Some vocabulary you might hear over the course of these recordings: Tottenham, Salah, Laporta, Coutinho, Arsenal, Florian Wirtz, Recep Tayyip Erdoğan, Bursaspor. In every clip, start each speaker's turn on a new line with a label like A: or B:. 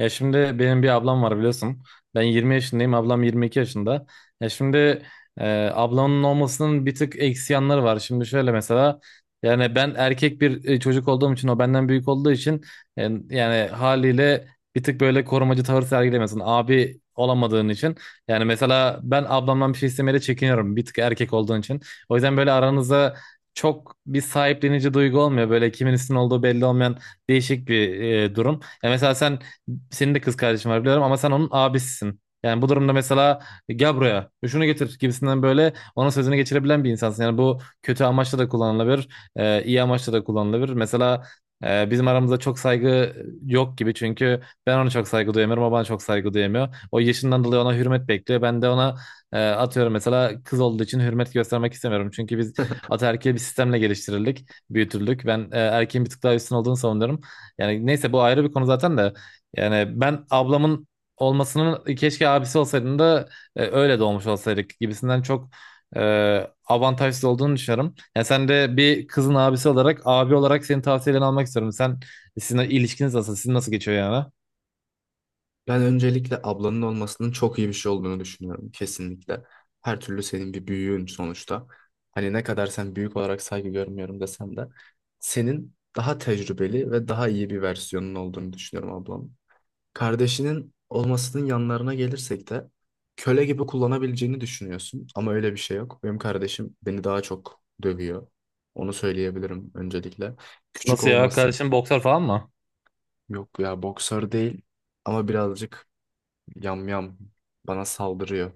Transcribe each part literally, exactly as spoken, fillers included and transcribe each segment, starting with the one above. A: Ya şimdi benim bir ablam var biliyorsun. Ben yirmi yaşındayım, ablam yirmi iki yaşında. Ya şimdi e, ablamın olmasının bir tık eksi yanları var. Şimdi şöyle mesela yani ben erkek bir e, çocuk olduğum için o benden büyük olduğu için e, yani haliyle bir tık böyle korumacı tavır sergilemiyorsun. Abi olamadığın için. Yani mesela ben ablamdan bir şey istemeye de çekiniyorum bir tık erkek olduğun için. O yüzden böyle aranızda çok bir sahiplenici duygu olmuyor. Böyle kimin üstün olduğu belli olmayan değişik bir e, durum. Ya mesela sen senin de kız kardeşin var biliyorum ama sen onun abisisin. Yani bu durumda mesela gel buraya şunu getir gibisinden böyle onun sözünü geçirebilen bir insansın. Yani bu kötü amaçla da kullanılabilir, e, iyi amaçla da kullanılabilir. Mesela e, bizim aramızda çok saygı yok gibi çünkü ben ona çok saygı duyamıyorum, o bana çok saygı duyamıyor. O yaşından dolayı ona hürmet bekliyor. Ben de ona e, atıyorum mesela kız olduğu için hürmet göstermek istemiyorum. Çünkü biz ataerkil bir sistemle geliştirildik, büyütüldük. Ben e, erkeğin bir tık daha üstün olduğunu savunuyorum. Yani neyse bu ayrı bir konu zaten de. Yani ben ablamın olmasının keşke abisi olsaydın da e, öyle doğmuş olsaydık gibisinden çok e, avantajsız olduğunu düşünüyorum. Yani sen de bir kızın abisi olarak, abi olarak senin tavsiyelerini almak istiyorum. Sen sizin ilişkiniz nasıl? Sizin nasıl geçiyor yani?
B: Ben öncelikle ablanın olmasının çok iyi bir şey olduğunu düşünüyorum kesinlikle. Her türlü senin bir büyüğün sonuçta. Hani ne kadar sen büyük olarak saygı görmüyorum desem de senin daha tecrübeli ve daha iyi bir versiyonun olduğunu düşünüyorum ablam. Kardeşinin olmasının yanlarına gelirsek de köle gibi kullanabileceğini düşünüyorsun ama öyle bir şey yok. Benim kardeşim beni daha çok dövüyor. Onu söyleyebilirim öncelikle. Küçük
A: Nasıl ya?
B: olması
A: Kardeşin boksör falan mı?
B: yok ya boksör değil ama birazcık yam yam bana saldırıyor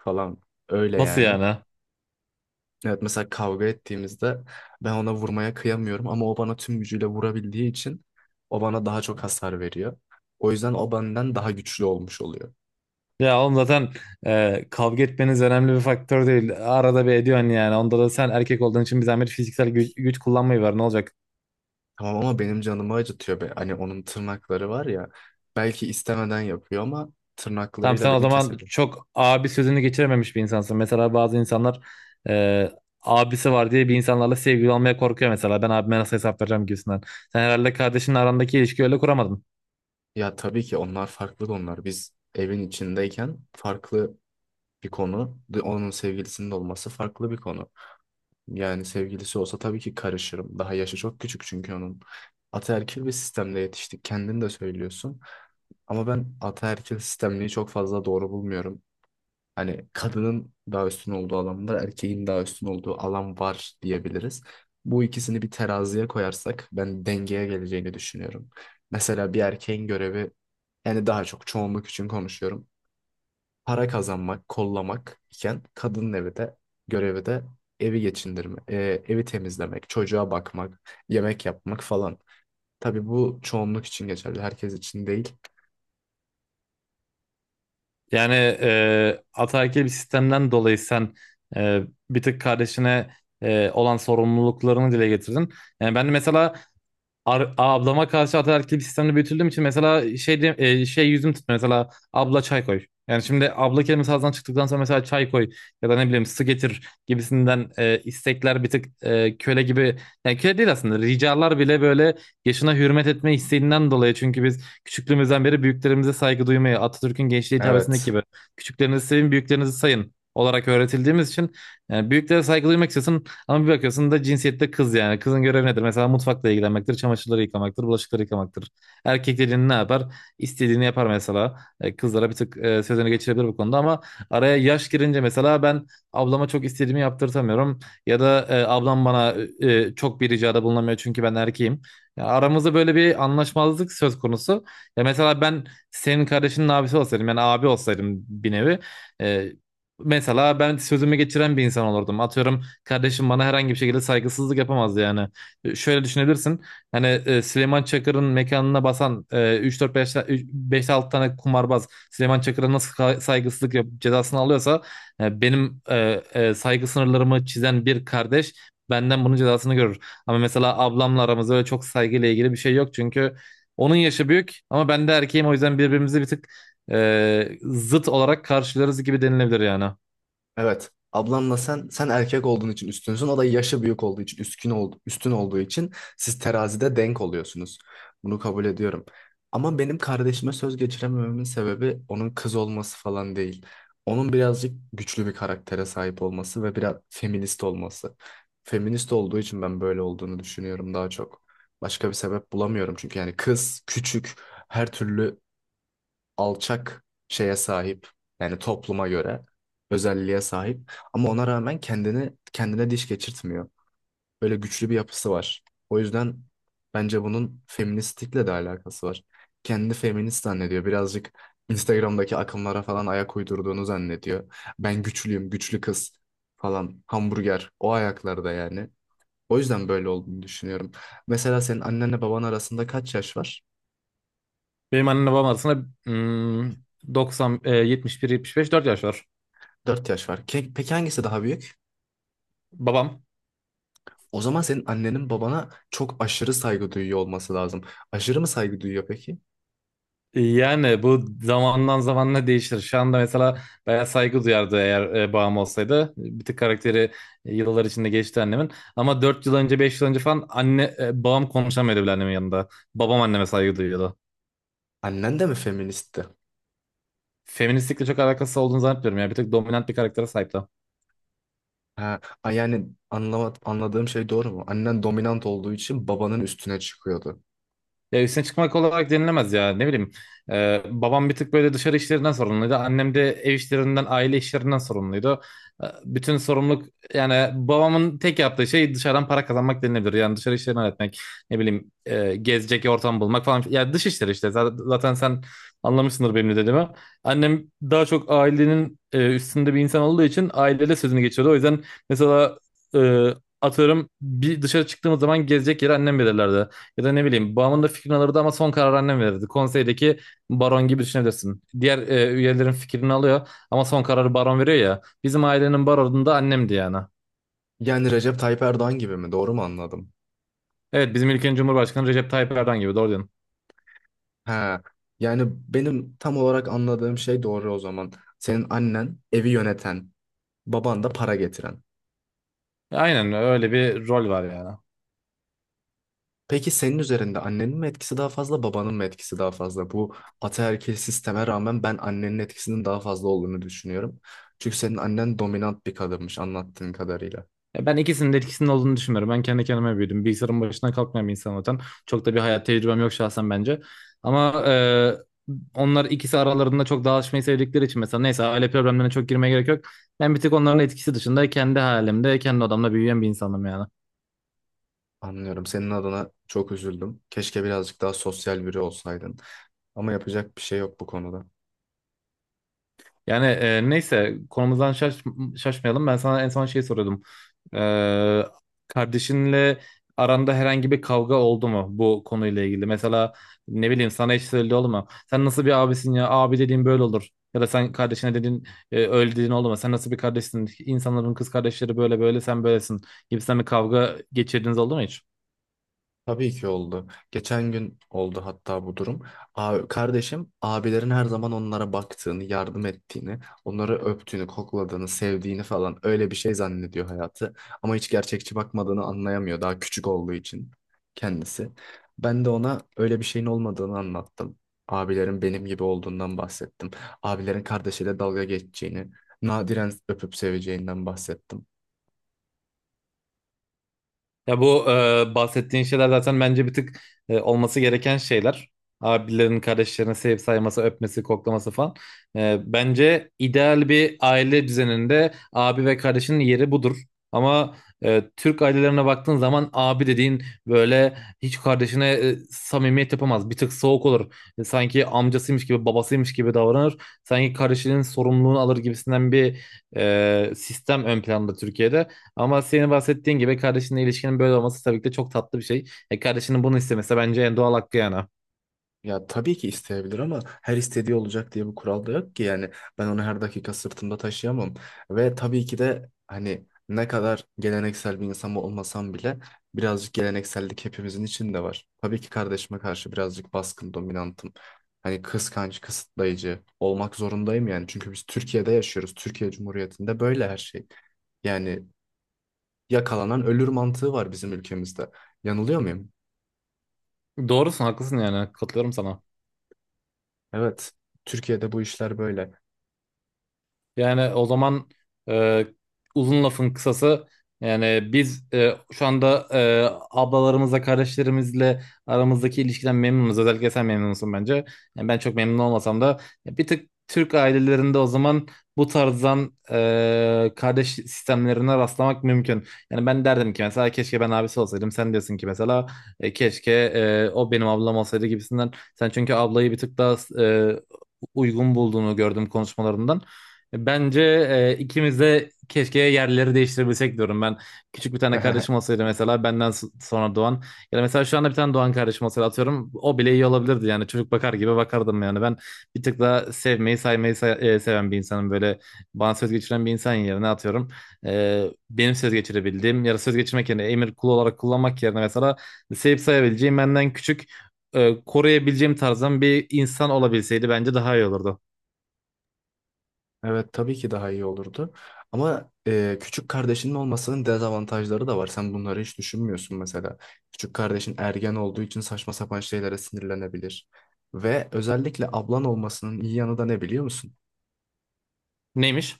B: falan öyle
A: Nasıl
B: yani.
A: yani?
B: Evet, mesela kavga ettiğimizde ben ona vurmaya kıyamıyorum ama o bana tüm gücüyle vurabildiği için o bana daha çok hasar veriyor. O yüzden o benden daha güçlü olmuş oluyor.
A: Ya oğlum zaten e, kavga etmeniz önemli bir faktör değil. Arada bir ediyorsun yani. Onda da sen erkek olduğun için bir zahmet fiziksel güç, güç kullanmayı var. Ne olacak?
B: Tamam ama benim canımı acıtıyor be. Hani onun tırnakları var ya, belki istemeden yapıyor ama
A: Tamam
B: tırnaklarıyla
A: sen o
B: beni
A: zaman
B: kesebilir.
A: çok abi sözünü geçirememiş bir insansın. Mesela bazı insanlar e, abisi var diye bir insanlarla sevgili olmaya korkuyor mesela. Ben abime nasıl hesap vereceğim gibisinden. Sen herhalde kardeşinle arandaki ilişkiyi öyle kuramadın.
B: Ya tabii ki onlar farklı onlar. Biz evin içindeyken farklı bir konu. de- Onun sevgilisinin de olması farklı bir konu. Yani sevgilisi olsa tabii ki karışırım. Daha yaşı çok küçük çünkü onun. Ataerkil bir sistemde yetiştik. Kendin de söylüyorsun. Ama ben ataerkil sistemliği çok fazla doğru bulmuyorum. Hani kadının daha üstün olduğu alan var, erkeğin daha üstün olduğu alan var diyebiliriz. Bu ikisini bir teraziye koyarsak ben dengeye geleceğini düşünüyorum. Mesela bir erkeğin görevi, yani daha çok çoğunluk için konuşuyorum, para kazanmak, kollamak iken kadının evi de görevi de evi geçindirme, e, evi temizlemek, çocuğa bakmak, yemek yapmak falan. Tabii bu çoğunluk için geçerli, herkes için değil.
A: Yani e, ataerkil bir sistemden dolayı sen e, bir tık kardeşine e, olan sorumluluklarını dile getirdin. Yani ben de mesela Ar- ablama karşı ataerkil bir sistemde büyütüldüğüm için mesela şey de- e, şey yüzüm tutmuyor. Mesela abla çay koy. Yani şimdi abla kelimesi ağzından çıktıktan sonra mesela çay koy ya da ne bileyim su getir gibisinden e, istekler bir tık e, köle gibi yani köle değil aslında ricalar bile böyle yaşına hürmet etme isteğinden dolayı çünkü biz küçüklüğümüzden beri büyüklerimize saygı duymayı Atatürk'ün gençliğe hitabesindeki
B: Evet.
A: gibi küçüklerinizi sevin büyüklerinizi sayın olarak öğretildiğimiz için yani büyüklere saygı duymak istiyorsun ama bir bakıyorsun da cinsiyette kız yani. Kızın görevi nedir? Mesela mutfakla ilgilenmektir, çamaşırları yıkamaktır, bulaşıkları yıkamaktır. Erkek dediğin ne yapar? İstediğini yapar mesela. E, Kızlara bir tık e, sözünü geçirebilir bu konuda ama araya yaş girince mesela ben ablama çok istediğimi yaptırtamıyorum. Ya da e, ablam bana e, çok bir ricada bulunamıyor çünkü ben erkeğim. Ya aramızda böyle bir anlaşmazlık söz konusu. Ya mesela ben senin kardeşinin abisi olsaydım yani abi olsaydım bir nevi. e, Mesela ben sözümü geçiren bir insan olurdum. Atıyorum kardeşim bana herhangi bir şekilde saygısızlık yapamazdı yani. E, Şöyle düşünebilirsin. Hani e, Süleyman Çakır'ın mekanına basan e, üç dört beş beş altı tane kumarbaz Süleyman Çakır'a nasıl ka- saygısızlık yap cezasını alıyorsa e, benim e, e, saygı sınırlarımı çizen bir kardeş benden bunun cezasını görür. Ama mesela ablamla aramızda öyle çok saygıyla ilgili bir şey yok çünkü onun yaşı büyük ama ben de erkeğim o yüzden birbirimizi bir tık e, zıt olarak karşılarız gibi denilebilir yani.
B: Evet. Ablanla sen sen erkek olduğun için üstünsün. O da yaşı büyük olduğu için üstün oldu, üstün olduğu için siz terazide denk oluyorsunuz. Bunu kabul ediyorum. Ama benim kardeşime söz geçiremememin sebebi onun kız olması falan değil. Onun birazcık güçlü bir karaktere sahip olması ve biraz feminist olması. Feminist olduğu için ben böyle olduğunu düşünüyorum daha çok. Başka bir sebep bulamıyorum çünkü yani kız küçük, her türlü alçak şeye sahip, yani topluma göre özelliğe sahip ama ona rağmen kendini kendine diş geçirtmiyor. Böyle güçlü bir yapısı var. O yüzden bence bunun feministlikle de alakası var. Kendini feminist zannediyor. Birazcık Instagram'daki akımlara falan ayak uydurduğunu zannediyor. Ben güçlüyüm, güçlü kız falan, hamburger o ayaklarda yani. O yüzden böyle olduğunu düşünüyorum. Mesela senin annenle baban arasında kaç yaş var?
A: Benim annemle babam arasında hmm, doksan, e, yetmiş bir, yetmiş beş, dört yaş var.
B: Dört yaş var. Ke- Peki hangisi daha büyük?
A: Babam.
B: O zaman senin annenin babana çok aşırı saygı duyuyor olması lazım. Aşırı mı saygı duyuyor peki?
A: e, Yani bu zamandan zamanla değişir. Şu anda mesela bayağı saygı duyardı eğer e, babam olsaydı. Bir tık karakteri e, yıllar içinde geçti annemin. Ama dört yıl önce, beş yıl önce falan anne, e, babam konuşamıyordu bile annemin yanında. Babam anneme saygı duyuyordu.
B: Annen de mi feministti?
A: Feministlikle çok alakası olduğunu zannetmiyorum ya. Bir tık dominant bir karaktere sahipti.
B: Ha, a- yani anlama, anladığım şey doğru mu? Annen dominant olduğu için babanın üstüne çıkıyordu.
A: Ya üstüne çıkmak olarak denilemez ya ne bileyim. Ee, babam bir tık böyle dışarı işlerinden sorumluydu. Annem de ev işlerinden, aile işlerinden sorumluydu. Ee, bütün sorumluluk yani babamın tek yaptığı şey dışarıdan para kazanmak denilebilir. Yani dışarı işlerini halletmek, ne bileyim e, gezecek ortam bulmak falan. Ya dış işleri işte zaten, zaten sen anlamışsındır benim ne dediğimi. Annem daha çok ailenin e, üstünde bir insan olduğu için ailede sözünü geçiyordu. O yüzden mesela e, atıyorum bir dışarı çıktığımız zaman gezecek yeri annem belirlerdi. Ya da ne bileyim babamın da fikrini alırdı ama son karar annem verirdi. Konseydeki baron gibi düşünebilirsin. Diğer e, üyelerin fikrini alıyor ama son kararı baron veriyor ya. Bizim ailenin baronu da annemdi yani.
B: Yani Recep Tayyip Erdoğan gibi mi? Doğru mu anladım?
A: Evet, bizim ülkenin Cumhurbaşkanı Recep Tayyip Erdoğan gibi doğru diyorsun.
B: Ha, yani benim tam olarak anladığım şey doğru o zaman. Senin annen evi yöneten, baban da para getiren.
A: Aynen öyle bir rol var yani.
B: Peki senin üzerinde annenin mi etkisi daha fazla, babanın mı etkisi daha fazla? Bu ataerkil sisteme rağmen ben annenin etkisinin daha fazla olduğunu düşünüyorum. Çünkü senin annen dominant bir kadınmış anlattığın kadarıyla.
A: Ya ben ikisinin de etkisinin olduğunu düşünüyorum. Ben kendi kendime büyüdüm. Bilgisayarın başına kalkmayan bir insan zaten. Çok da bir hayat tecrübem yok şahsen bence. Ama e, onlar ikisi aralarında çok dağılışmayı sevdikleri için mesela neyse aile problemlerine çok girmeye gerek yok. Ben bir tek onların etkisi dışında kendi halimde, kendi odamda büyüyen bir insanım yani.
B: Anlıyorum. Senin adına çok üzüldüm. Keşke birazcık daha sosyal biri olsaydın. Ama yapacak bir şey yok bu konuda.
A: Yani e, neyse konumuzdan şaş şaşmayalım. Ben sana en son şey soruyordum. Ee, Kardeşinle aranda herhangi bir kavga oldu mu bu konuyla ilgili? Mesela ne bileyim sana hiç söyledi oldu mu? Sen nasıl bir abisin ya? Abi dediğin böyle olur. Ya da sen kardeşine dedin e, öyle dediğin oldu mu? Sen nasıl bir kardeşsin? İnsanların kız kardeşleri böyle böyle sen böylesin gibisinden bir kavga geçirdiğiniz oldu mu hiç?
B: Tabii ki oldu. Geçen gün oldu hatta bu durum. A- kardeşim abilerin her zaman onlara baktığını, yardım ettiğini, onları öptüğünü, kokladığını, sevdiğini falan, öyle bir şey zannediyor hayatı. Ama hiç gerçekçi bakmadığını anlayamıyor daha küçük olduğu için kendisi. Ben de ona öyle bir şeyin olmadığını anlattım. Abilerin benim gibi olduğundan bahsettim. Abilerin kardeşiyle dalga geçeceğini, nadiren öpüp seveceğinden bahsettim.
A: Ya bu e, bahsettiğin şeyler zaten bence bir tık e, olması gereken şeyler. Abilerin, kardeşlerin sevip sayması, öpmesi, koklaması falan. E, bence ideal bir aile düzeninde abi ve kardeşinin yeri budur. Ama e, Türk ailelerine baktığın zaman abi dediğin böyle hiç kardeşine e, samimiyet yapamaz. Bir tık soğuk olur. E, sanki amcasıymış gibi, babasıymış gibi davranır. Sanki kardeşinin sorumluluğunu alır gibisinden bir e, sistem ön planda Türkiye'de. Ama senin bahsettiğin gibi kardeşinle ilişkinin böyle olması tabii ki de çok tatlı bir şey. E, kardeşinin bunu istemesi bence en doğal hakkı yani.
B: Ya tabii ki isteyebilir ama her istediği olacak diye bir kural da yok ki, yani ben onu her dakika sırtımda taşıyamam ve tabii ki de hani ne kadar geleneksel bir insan olmasam bile birazcık geleneksellik hepimizin içinde var. Tabii ki kardeşime karşı birazcık baskın, dominantım. Hani kıskanç, kısıtlayıcı olmak zorundayım yani, çünkü biz Türkiye'de yaşıyoruz. Türkiye Cumhuriyeti'nde böyle her şey. Yani yakalanan ölür mantığı var bizim ülkemizde. Yanılıyor muyum?
A: Doğrusun, haklısın, yani katılıyorum sana.
B: Evet. Türkiye'de bu işler böyle.
A: Yani o zaman e, uzun lafın kısası yani biz e, şu anda e, ablalarımızla kardeşlerimizle aramızdaki ilişkiden memnunuz. Özellikle sen memnunsun bence. Yani ben çok memnun olmasam da ya bir tık Türk ailelerinde o zaman bu tarzdan e, kardeş sistemlerine rastlamak mümkün. Yani ben derdim ki mesela keşke ben abisi olsaydım. Sen diyorsun ki mesela e, keşke e, o benim ablam olsaydı gibisinden. Sen çünkü ablayı bir tık daha e, uygun bulduğunu gördüm konuşmalarından. Bence e, ikimiz de keşke yerleri değiştirebilsek diyorum ben. Küçük bir tane kardeşim olsaydı mesela benden s- sonra doğan ya da mesela şu anda bir tane doğan kardeşim olsaydı atıyorum o bile iyi olabilirdi yani çocuk bakar gibi bakardım yani ben bir tık daha sevmeyi saymayı say- e, seven bir insanım böyle bana söz geçiren bir insan yerine atıyorum e, benim söz geçirebildiğim ya da söz geçirmek yerine emir kulu olarak kullanmak yerine mesela sevip sayabileceğim benden küçük e, koruyabileceğim tarzdan bir insan olabilseydi bence daha iyi olurdu.
B: Evet, tabii ki daha iyi olurdu. Ama e, küçük kardeşinin olmasının dezavantajları da var. Sen bunları hiç düşünmüyorsun mesela. Küçük kardeşin ergen olduğu için saçma sapan şeylere sinirlenebilir. Ve özellikle ablan olmasının iyi yanı da ne biliyor musun?
A: Neymiş?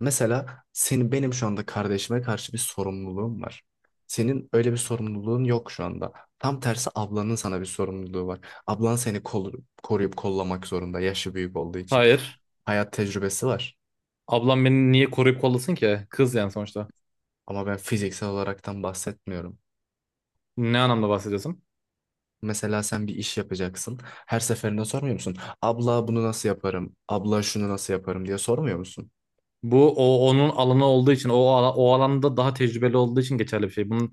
B: Mesela senin benim şu anda kardeşime karşı bir sorumluluğum var. Senin öyle bir sorumluluğun yok şu anda. Tam tersi, ablanın sana bir sorumluluğu var. Ablan seni kol- koruyup kollamak zorunda yaşı büyük olduğu için.
A: Hayır.
B: Hayat tecrübesi var.
A: Ablam beni niye koruyup kollasın ki? Kız yani sonuçta.
B: Ama ben fiziksel olaraktan bahsetmiyorum.
A: Ne anlamda bahsediyorsun?
B: Mesela sen bir iş yapacaksın. Her seferinde sormuyor musun? Abla bunu nasıl yaparım? Abla şunu nasıl yaparım diye sormuyor musun?
A: Bu o onun alanı olduğu için o ala- o alanda daha tecrübeli olduğu için geçerli bir şey. Bunun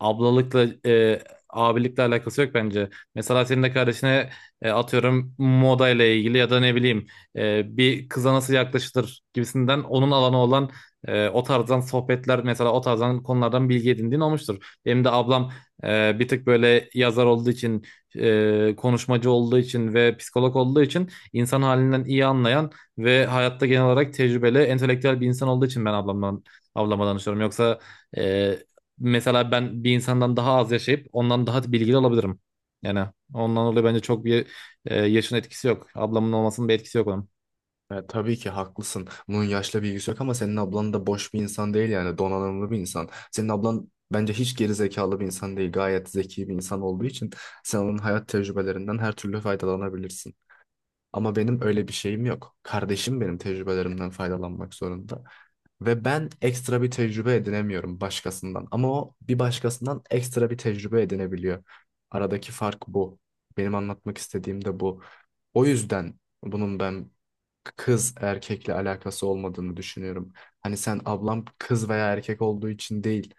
A: ablalıkla e, abilikle alakası yok bence. Mesela senin de kardeşine e, atıyorum moda ile ilgili ya da ne bileyim e, bir kıza nasıl yaklaşılır gibisinden onun alanı olan e, o tarzdan sohbetler mesela o tarzdan konulardan bilgi edindiğin olmuştur. Benim de ablam e, bir tık böyle yazar olduğu için e, konuşmacı olduğu için ve psikolog olduğu için insan halinden iyi anlayan ve hayatta genel olarak tecrübeli, entelektüel bir insan olduğu için ben ablamdan, ablama danışıyorum. Yoksa e, mesela ben bir insandan daha az yaşayıp ondan daha bilgili olabilirim. Yani ondan dolayı bence çok bir e, yaşın etkisi yok. Ablamın olmasının bir etkisi yok onun.
B: E, tabii ki haklısın. Bunun yaşla bilgisi yok ama senin ablan da boş bir insan değil, yani donanımlı bir insan. Senin ablan bence hiç geri zekalı bir insan değil. Gayet zeki bir insan olduğu için sen onun hayat tecrübelerinden her türlü faydalanabilirsin. Ama benim öyle bir şeyim yok. Kardeşim benim tecrübelerimden faydalanmak zorunda. Ve ben ekstra bir tecrübe edinemiyorum başkasından. Ama o bir başkasından ekstra bir tecrübe edinebiliyor. Aradaki fark bu. Benim anlatmak istediğim de bu. O yüzden bunun ben kız erkekle alakası olmadığını düşünüyorum. Hani sen ablam kız veya erkek olduğu için değil,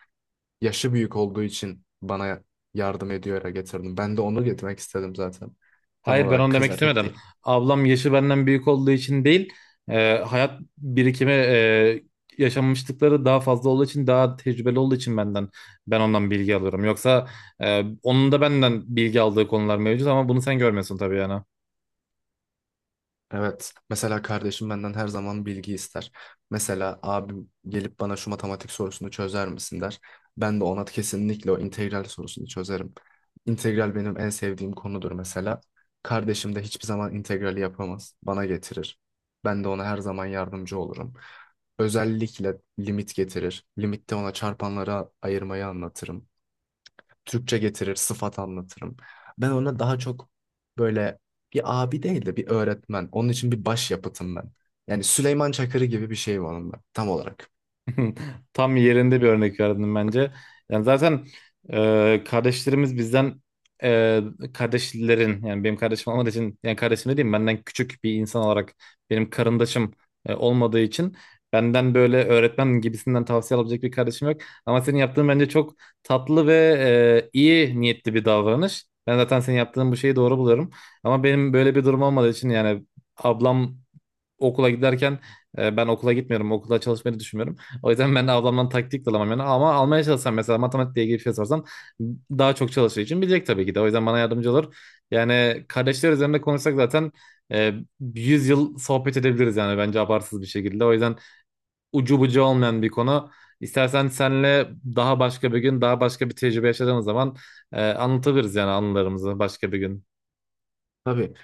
B: yaşı büyük olduğu için bana yardım ediyor getirdim. Ben de onu getirmek istedim zaten. Tam
A: Hayır, ben
B: olarak
A: onu
B: kız
A: demek
B: erkek
A: istemedim.
B: değil.
A: Ablam yaşı benden büyük olduğu için değil, e, hayat birikimi, e, yaşanmışlıkları daha fazla olduğu için, daha tecrübeli olduğu için benden ben ondan bilgi alıyorum. Yoksa e, onun da benden bilgi aldığı konular mevcut ama bunu sen görmüyorsun tabii yani.
B: Evet. Mesela kardeşim benden her zaman bilgi ister. Mesela abim gelip bana şu matematik sorusunu çözer misin der. Ben de ona kesinlikle o integral sorusunu çözerim. İntegral benim en sevdiğim konudur mesela. Kardeşim de hiçbir zaman integrali yapamaz. Bana getirir. Ben de ona her zaman yardımcı olurum. Özellikle limit getirir. Limitte ona çarpanlara ayırmayı anlatırım. Türkçe getirir, sıfat anlatırım. Ben ona daha çok böyle bir abi değil de bir öğretmen. Onun için bir başyapıtım ben. Yani Süleyman Çakır'ı gibi bir şey onunla tam olarak.
A: Tam yerinde bir örnek verdin bence. Yani zaten e, kardeşlerimiz bizden e, kardeşlerin yani benim kardeşim olmadığı için yani kardeşim dediğim benden küçük bir insan olarak benim karındaşım e, olmadığı için benden böyle öğretmen gibisinden tavsiye alabilecek bir kardeşim yok. Ama senin yaptığın bence çok tatlı ve e, iyi niyetli bir davranış. Ben zaten senin yaptığın bu şeyi doğru buluyorum. Ama benim böyle bir durum olmadığı için yani ablam okula giderken e, ben okula gitmiyorum. Okula çalışmayı düşünmüyorum. O yüzden ben de ablamdan taktik de alamam yani. Ama almaya çalışsam mesela matematikle ilgili bir şey sorsam daha çok çalıştığı için bilecek tabii ki de. O yüzden bana yardımcı olur. Yani kardeşler üzerinde konuşsak zaten e, yüz yıl sohbet edebiliriz yani bence abartsız bir şekilde. O yüzden ucu bucu olmayan bir konu. İstersen senle daha başka bir gün, daha başka bir tecrübe yaşadığımız zaman e, anlatabiliriz yani anılarımızı başka bir gün.
B: Tabii,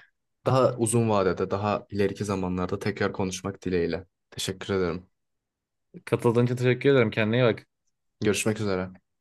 B: daha uzun vadede, daha ileriki zamanlarda tekrar konuşmak dileğiyle. Teşekkür ederim.
A: Katıldığın için teşekkür ederim. Kendine iyi bak.
B: Görüşmek üzere.